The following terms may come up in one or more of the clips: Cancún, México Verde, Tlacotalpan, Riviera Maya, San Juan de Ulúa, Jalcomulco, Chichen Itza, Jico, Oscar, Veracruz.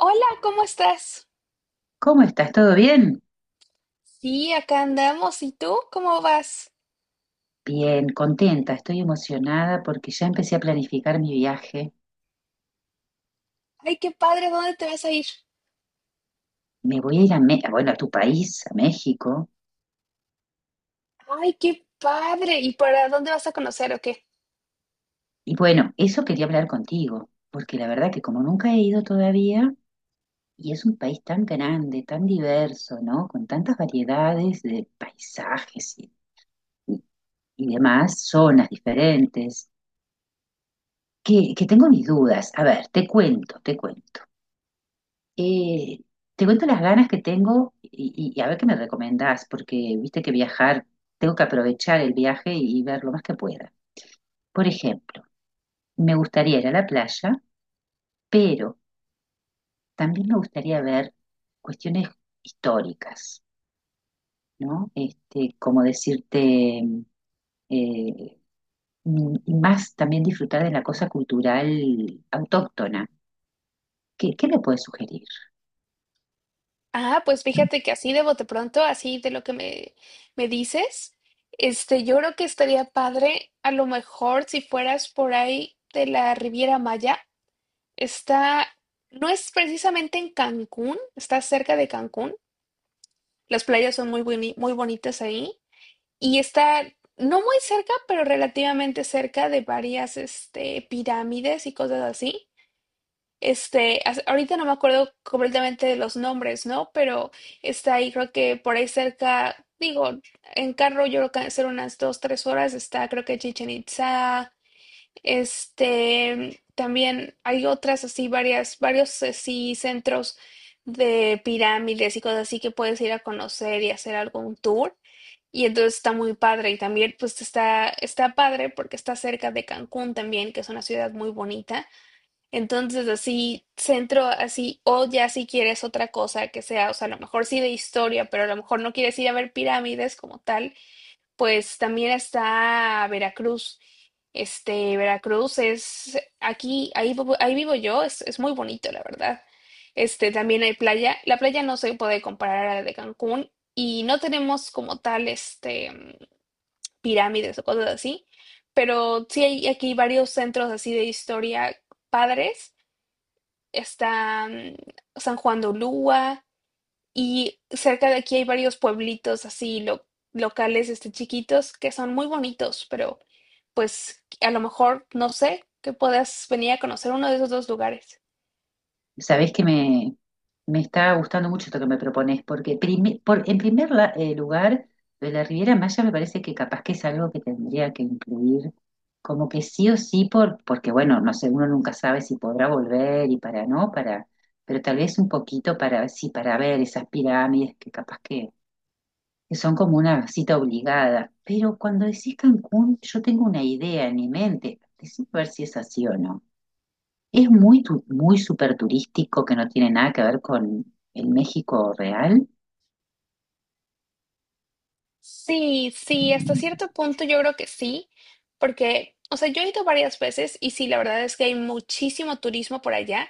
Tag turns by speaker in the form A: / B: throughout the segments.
A: Hola, ¿cómo estás?
B: ¿Cómo estás? ¿Todo bien?
A: Sí, acá andamos. ¿Y tú cómo vas?
B: Bien, contenta, estoy emocionada porque ya empecé a planificar mi viaje.
A: Ay, qué padre, ¿dónde te vas a ir?
B: Me voy a ir a, bueno, a tu país, a México.
A: Ay, qué padre. ¿Y para dónde vas a conocer o qué?
B: Y bueno, eso quería hablar contigo, porque la verdad que como nunca he ido todavía, y es un país tan grande, tan diverso, ¿no? Con tantas variedades de paisajes y- y demás, zonas diferentes, que tengo mis dudas. A ver, te cuento, te cuento. Eh, te cuento las ganas que tengo y a ver qué me recomendás, porque viste que viajar, tengo que aprovechar el viaje y ver lo más que pueda. Por ejemplo, me gustaría ir a la playa, pero también me gustaría ver cuestiones históricas, ¿no? Este, como decirte, eh, y más también disfrutar de la cosa cultural autóctona. ¿ qué me puedes sugerir?
A: Ah, pues fíjate que así de bote pronto, así de lo que me dices, este, yo creo que estaría padre a lo mejor si fueras por ahí de la Riviera Maya. Está, no es precisamente en Cancún, está cerca de Cancún. Las playas son muy bonitas ahí. Y está no muy cerca, pero relativamente cerca de varias este, pirámides y cosas así. Este, ahorita no me acuerdo completamente de los nombres, ¿no? Pero está ahí, creo que por ahí cerca, digo, en carro yo creo que hacer unas dos, tres horas está, creo que Chichen Itza. Este, también hay otras así, varias, varios así centros de pirámides y cosas así que puedes ir a conocer y hacer algún tour. Y entonces está muy padre. Y también pues está padre porque está cerca de Cancún también, que es una ciudad muy bonita. Entonces así, centro así, o ya si quieres otra cosa que sea, o sea, a lo mejor sí de historia, pero a lo mejor no quieres ir a ver pirámides como tal, pues también está Veracruz. Este, Veracruz es aquí, ahí, ahí vivo yo, es muy bonito, la verdad. Este, también hay playa. La playa no se puede comparar a la de Cancún y no tenemos como tal, este, pirámides o cosas así, pero sí hay aquí varios centros así de historia padres. Está San Juan de Ulúa, y cerca de aquí hay varios pueblitos así locales, este, chiquitos, que son muy bonitos, pero pues a lo mejor, no sé, que puedas venir a conocer uno de esos dos lugares.
B: Sabés que me, me está gustando mucho esto que me propones, porque en primer lugar, lo de la Riviera Maya me parece que capaz que es algo que tendría que incluir, como que sí o sí, porque bueno, no sé, uno nunca sabe si podrá volver y para no, para, pero tal vez un poquito para, sí, para ver esas pirámides que son como una cita obligada. Pero cuando decís Cancún, yo tengo una idea en mi mente, decime a ver si es así o no. Muy súper turístico, que no tiene nada que ver con el México real.
A: Sí, sí, hasta cierto punto yo creo que sí, porque, o sea, yo he ido varias veces y sí, la verdad es que hay muchísimo turismo por allá.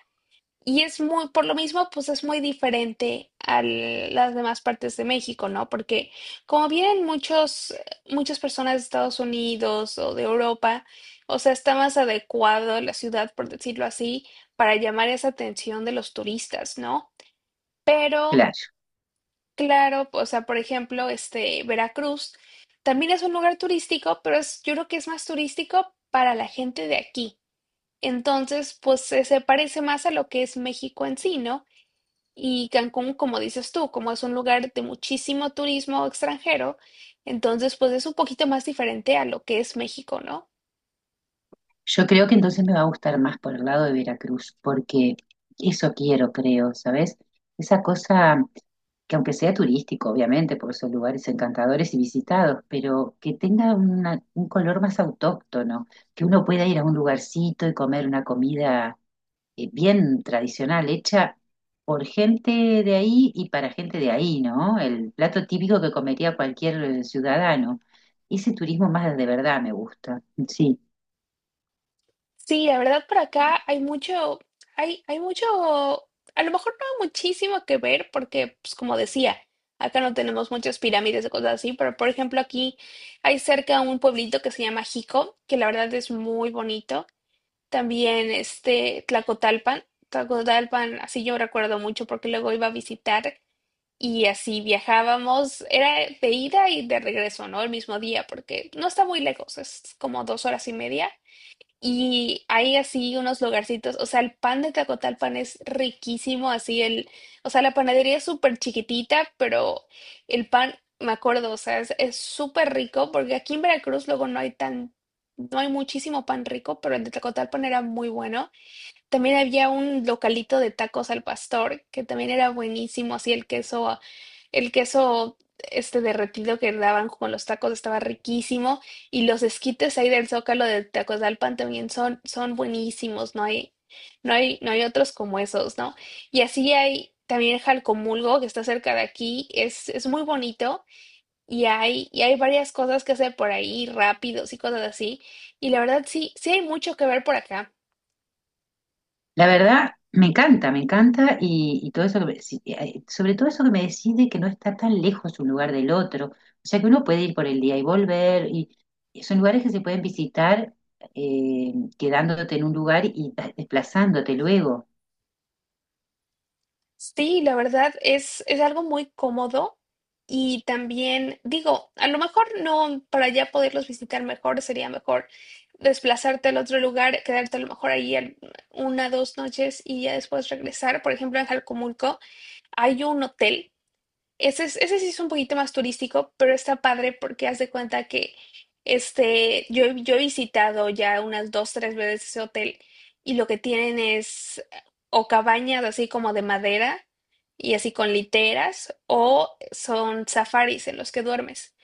A: Y es muy, por lo mismo, pues es muy diferente a las demás partes de México, ¿no? Porque como vienen muchas personas de Estados Unidos o de Europa, o sea, está más adecuado la ciudad, por decirlo así, para llamar esa atención de los turistas, ¿no? Pero,
B: Claro,
A: claro, o sea, por ejemplo, este, Veracruz también es un lugar turístico, pero es, yo creo que es más turístico para la gente de aquí. Entonces, pues se parece más a lo que es México en sí, ¿no? Y Cancún, como dices tú, como es un lugar de muchísimo turismo extranjero, entonces pues es un poquito más diferente a lo que es México, ¿no?
B: yo creo que entonces me va a gustar más por el lado de Veracruz, porque eso quiero, creo, ¿sabes? Esa cosa que, aunque sea turístico, obviamente, por esos lugares encantadores y visitados, pero que tenga un color más autóctono, que uno pueda ir a un lugarcito y comer una comida bien tradicional, hecha por gente de ahí y para gente de ahí, ¿no? El plato típico que comería cualquier ciudadano. Ese turismo más de verdad me gusta, sí.
A: Sí, la verdad por acá hay mucho, hay mucho, a lo mejor no muchísimo que ver porque, pues como decía, acá no tenemos muchas pirámides y cosas así, pero por ejemplo aquí hay cerca un pueblito que se llama Jico, que la verdad es muy bonito. También este Tlacotalpan, Tlacotalpan, así yo recuerdo mucho porque luego iba a visitar. Y así viajábamos, era de ida y de regreso, ¿no? El mismo día, porque no está muy lejos, es como 2 horas y media. Y hay así unos lugarcitos, o sea, el pan de Tacotalpan es riquísimo, así el, o sea, la panadería es súper chiquitita, pero el pan, me acuerdo, o sea, es súper rico, porque aquí en Veracruz luego no hay tan, no hay muchísimo pan rico, pero el de Tacotalpan era muy bueno. También había un localito de tacos al pastor, que también era buenísimo, así el queso, este derretido que daban con los tacos estaba riquísimo, y los esquites ahí del Zócalo de Tacozalpan también son buenísimos, no hay otros como esos, ¿no? Y así hay también Jalcomulgo, que está cerca de aquí, es muy bonito, y hay varias cosas que hacer por ahí, rápidos y cosas así, y la verdad sí, sí hay mucho que ver por acá.
B: La verdad, me encanta y todo eso, sí, sobre todo eso que me decide, que no está tan lejos un lugar del otro. O sea que uno puede ir por el día y volver y son lugares que se pueden visitar, eh, quedándote en un lugar y desplazándote luego.
A: Sí, la verdad es algo muy cómodo y también digo, a lo mejor no para ya poderlos visitar mejor, sería mejor desplazarte al otro lugar, quedarte a lo mejor ahí una, dos noches y ya después regresar. Por ejemplo, en Jalcomulco hay un hotel ese, ese sí es un poquito más turístico, pero está padre porque haz de cuenta que este, yo he visitado ya unas dos, tres veces ese hotel y lo que tienen es o cabañas así como de madera y así con literas o son safaris en los que duermes.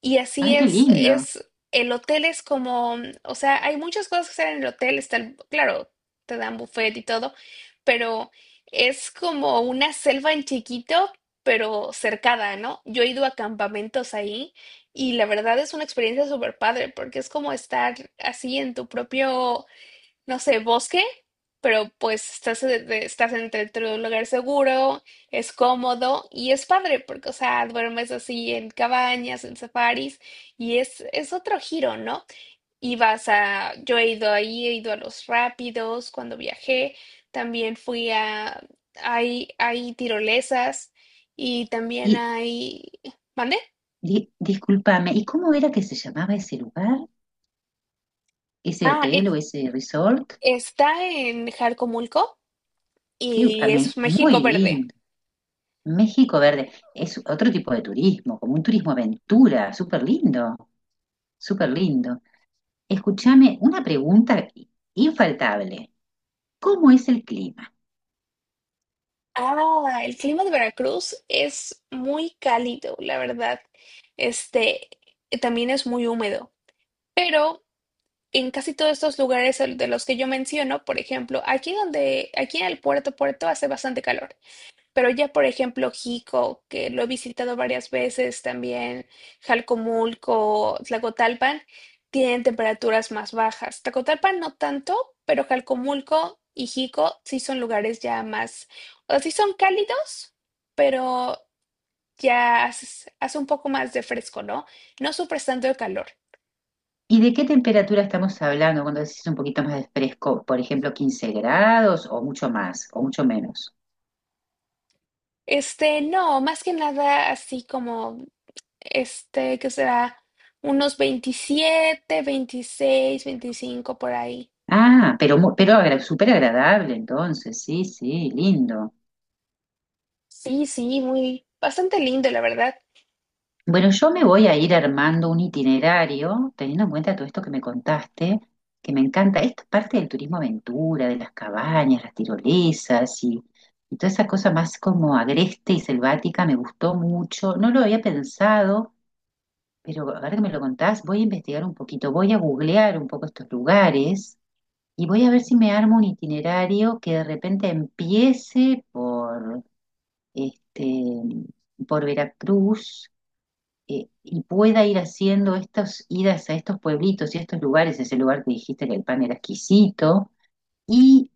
A: Y así
B: Ay, qué
A: es,
B: lindo.
A: es, el hotel es como, o sea, hay muchas cosas que hacer en el hotel, está claro, te dan buffet y todo, pero es como una selva en chiquito, pero cercada, ¿no? Yo he ido a campamentos ahí y la verdad es una experiencia súper padre porque es como estar así en tu propio, no sé, bosque, pero pues estás, estás dentro de un lugar seguro, es cómodo y es padre porque, o sea, duermes así en cabañas, en safaris y es otro giro, ¿no? Y vas a, yo he ido ahí, he ido a los rápidos cuando viajé, también fui a, hay tirolesas y también hay, ¿mande?
B: Discúlpame, ¿y cómo era que se llamaba ese lugar, ese
A: Ah,
B: hotel o ese resort?
A: está en Jarcomulco
B: Que, a
A: y
B: mí,
A: es
B: muy
A: México Verde.
B: lindo. México Verde es otro tipo de turismo, como un turismo aventura, súper lindo, súper lindo. Escúchame, una pregunta infaltable. ¿Cómo es el clima?
A: Ah, el clima de Veracruz es muy cálido, la verdad. Este, también es muy húmedo, pero en casi todos estos lugares de los que yo menciono, por ejemplo, aquí donde, aquí en el puerto, puerto hace bastante calor. Pero ya, por ejemplo, Jico, que lo he visitado varias veces también, Jalcomulco, Tlacotalpan, tienen temperaturas más bajas. Tlacotalpan no tanto, pero Jalcomulco y Jico sí son lugares ya más, o sea, sí son cálidos, pero ya hace un poco más de fresco, ¿no? No sufres tanto de calor.
B: ¿Y de qué temperatura estamos hablando cuando decís un poquito más de fresco? Por ejemplo, 15 grados, o mucho más, o mucho menos.
A: Este, no, más que nada así como, este, que será unos 27 26 25 por ahí.
B: Ah, pero pero súper agradable entonces, sí, sí, lindo.
A: Sí, sí, muy, bastante lindo, la verdad.
B: Bueno, yo me voy a ir armando un itinerario, teniendo en cuenta todo esto que me contaste, que me encanta. Esto es parte del turismo aventura, de las cabañas, las tirolesas y toda esa cosa más como agreste y selvática, me gustó mucho. No lo había pensado, pero ahora que me lo contás, voy a investigar un poquito, voy a googlear un poco estos lugares y voy a ver si me armo un itinerario que de repente empiece este, por Veracruz, y pueda ir haciendo estas idas a estos pueblitos y a estos lugares, ese lugar que dijiste que el pan era exquisito, y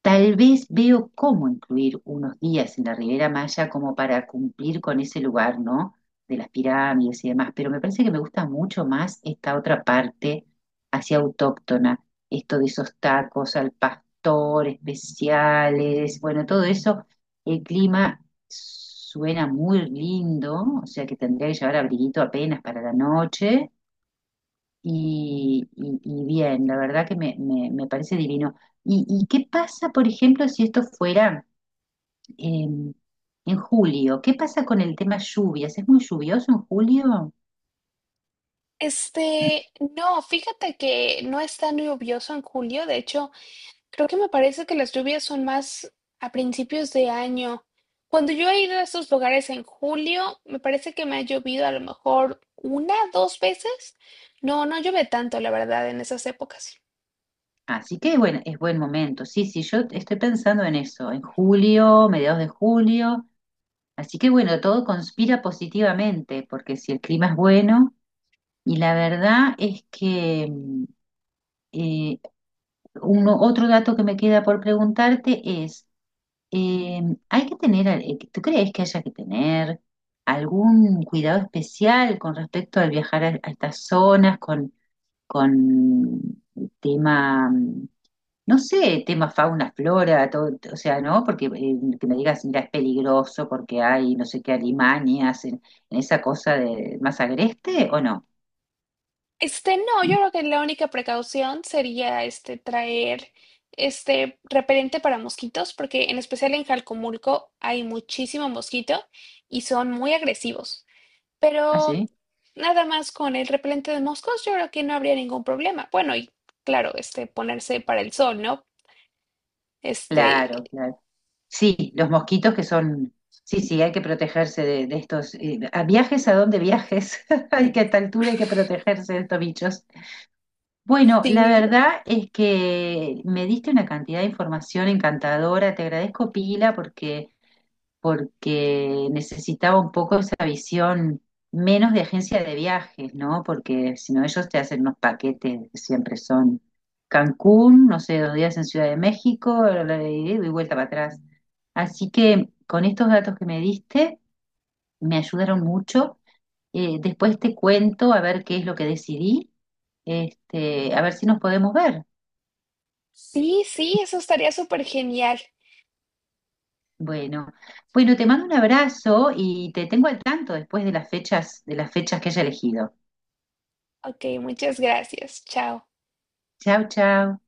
B: tal vez veo cómo incluir unos días en la Riviera Maya como para cumplir con ese lugar, ¿no? De las pirámides y demás, pero me parece que me gusta mucho más esta otra parte hacia autóctona, esto de esos tacos al pastor especiales, bueno, todo eso, el clima suena muy lindo, o sea que tendría que llevar abriguito apenas para la noche y bien, la verdad que me parece divino. Y qué pasa, por ejemplo, si esto fuera eh, en julio? ¿Qué pasa con el tema lluvias? ¿Es muy lluvioso en julio?
A: Este, no, fíjate que no es tan lluvioso en julio, de hecho, creo que me parece que las lluvias son más a principios de año. Cuando yo he ido a estos lugares en julio, me parece que me ha llovido a lo mejor una, dos veces. No, no llueve tanto, la verdad, en esas épocas.
B: Así que bueno, es buen momento. Sí, sí, yo estoy pensando en eso, en julio, mediados de julio. Así que bueno, todo conspira positivamente, porque si el clima es bueno, y la verdad es que eh, otro dato que me queda por preguntarte es, eh, ¿hay que tener, tú crees que haya que tener algún cuidado especial con respecto al viajar a estas zonas con con el tema, no sé, tema fauna, flora, todo, o sea, ¿no? Porque que me digas, mira, es peligroso porque hay no sé qué alimañas en esa cosa de más agreste, ¿o no?
A: Este, no, yo creo que la única precaución sería este traer este repelente para mosquitos, porque en especial en Jalcomulco hay muchísimo mosquito y son muy agresivos.
B: ¿Ah,
A: Pero
B: sí?
A: nada más con el repelente de moscos, yo creo que no habría ningún problema. Bueno, y claro, este ponerse para el sol, ¿no?
B: Claro,
A: Este,
B: claro. Sí, los mosquitos que son, sí, sí, hay que protegerse de estos, a viajes a donde viajes, hay que, a
A: mm,
B: esta altura, hay que protegerse de estos bichos. Bueno, la
A: sí,
B: verdad es que me diste una cantidad de información encantadora. Te agradezco, Pila, porque, porque necesitaba un poco esa visión menos de agencia de viajes, ¿no? Porque si no, ellos te hacen unos paquetes que siempre son Cancún, no sé, 2 días en Ciudad de México, y vuelta para atrás. Así que con estos datos que me diste, me ayudaron mucho. Después te cuento a ver qué es lo que decidí, este, a ver si nos podemos ver.
A: sí, sí, eso estaría súper genial.
B: Bueno, bueno, te mando un abrazo y te tengo al tanto después de las fechas que haya elegido.
A: Ok, muchas gracias. Chao.
B: Chao, chao.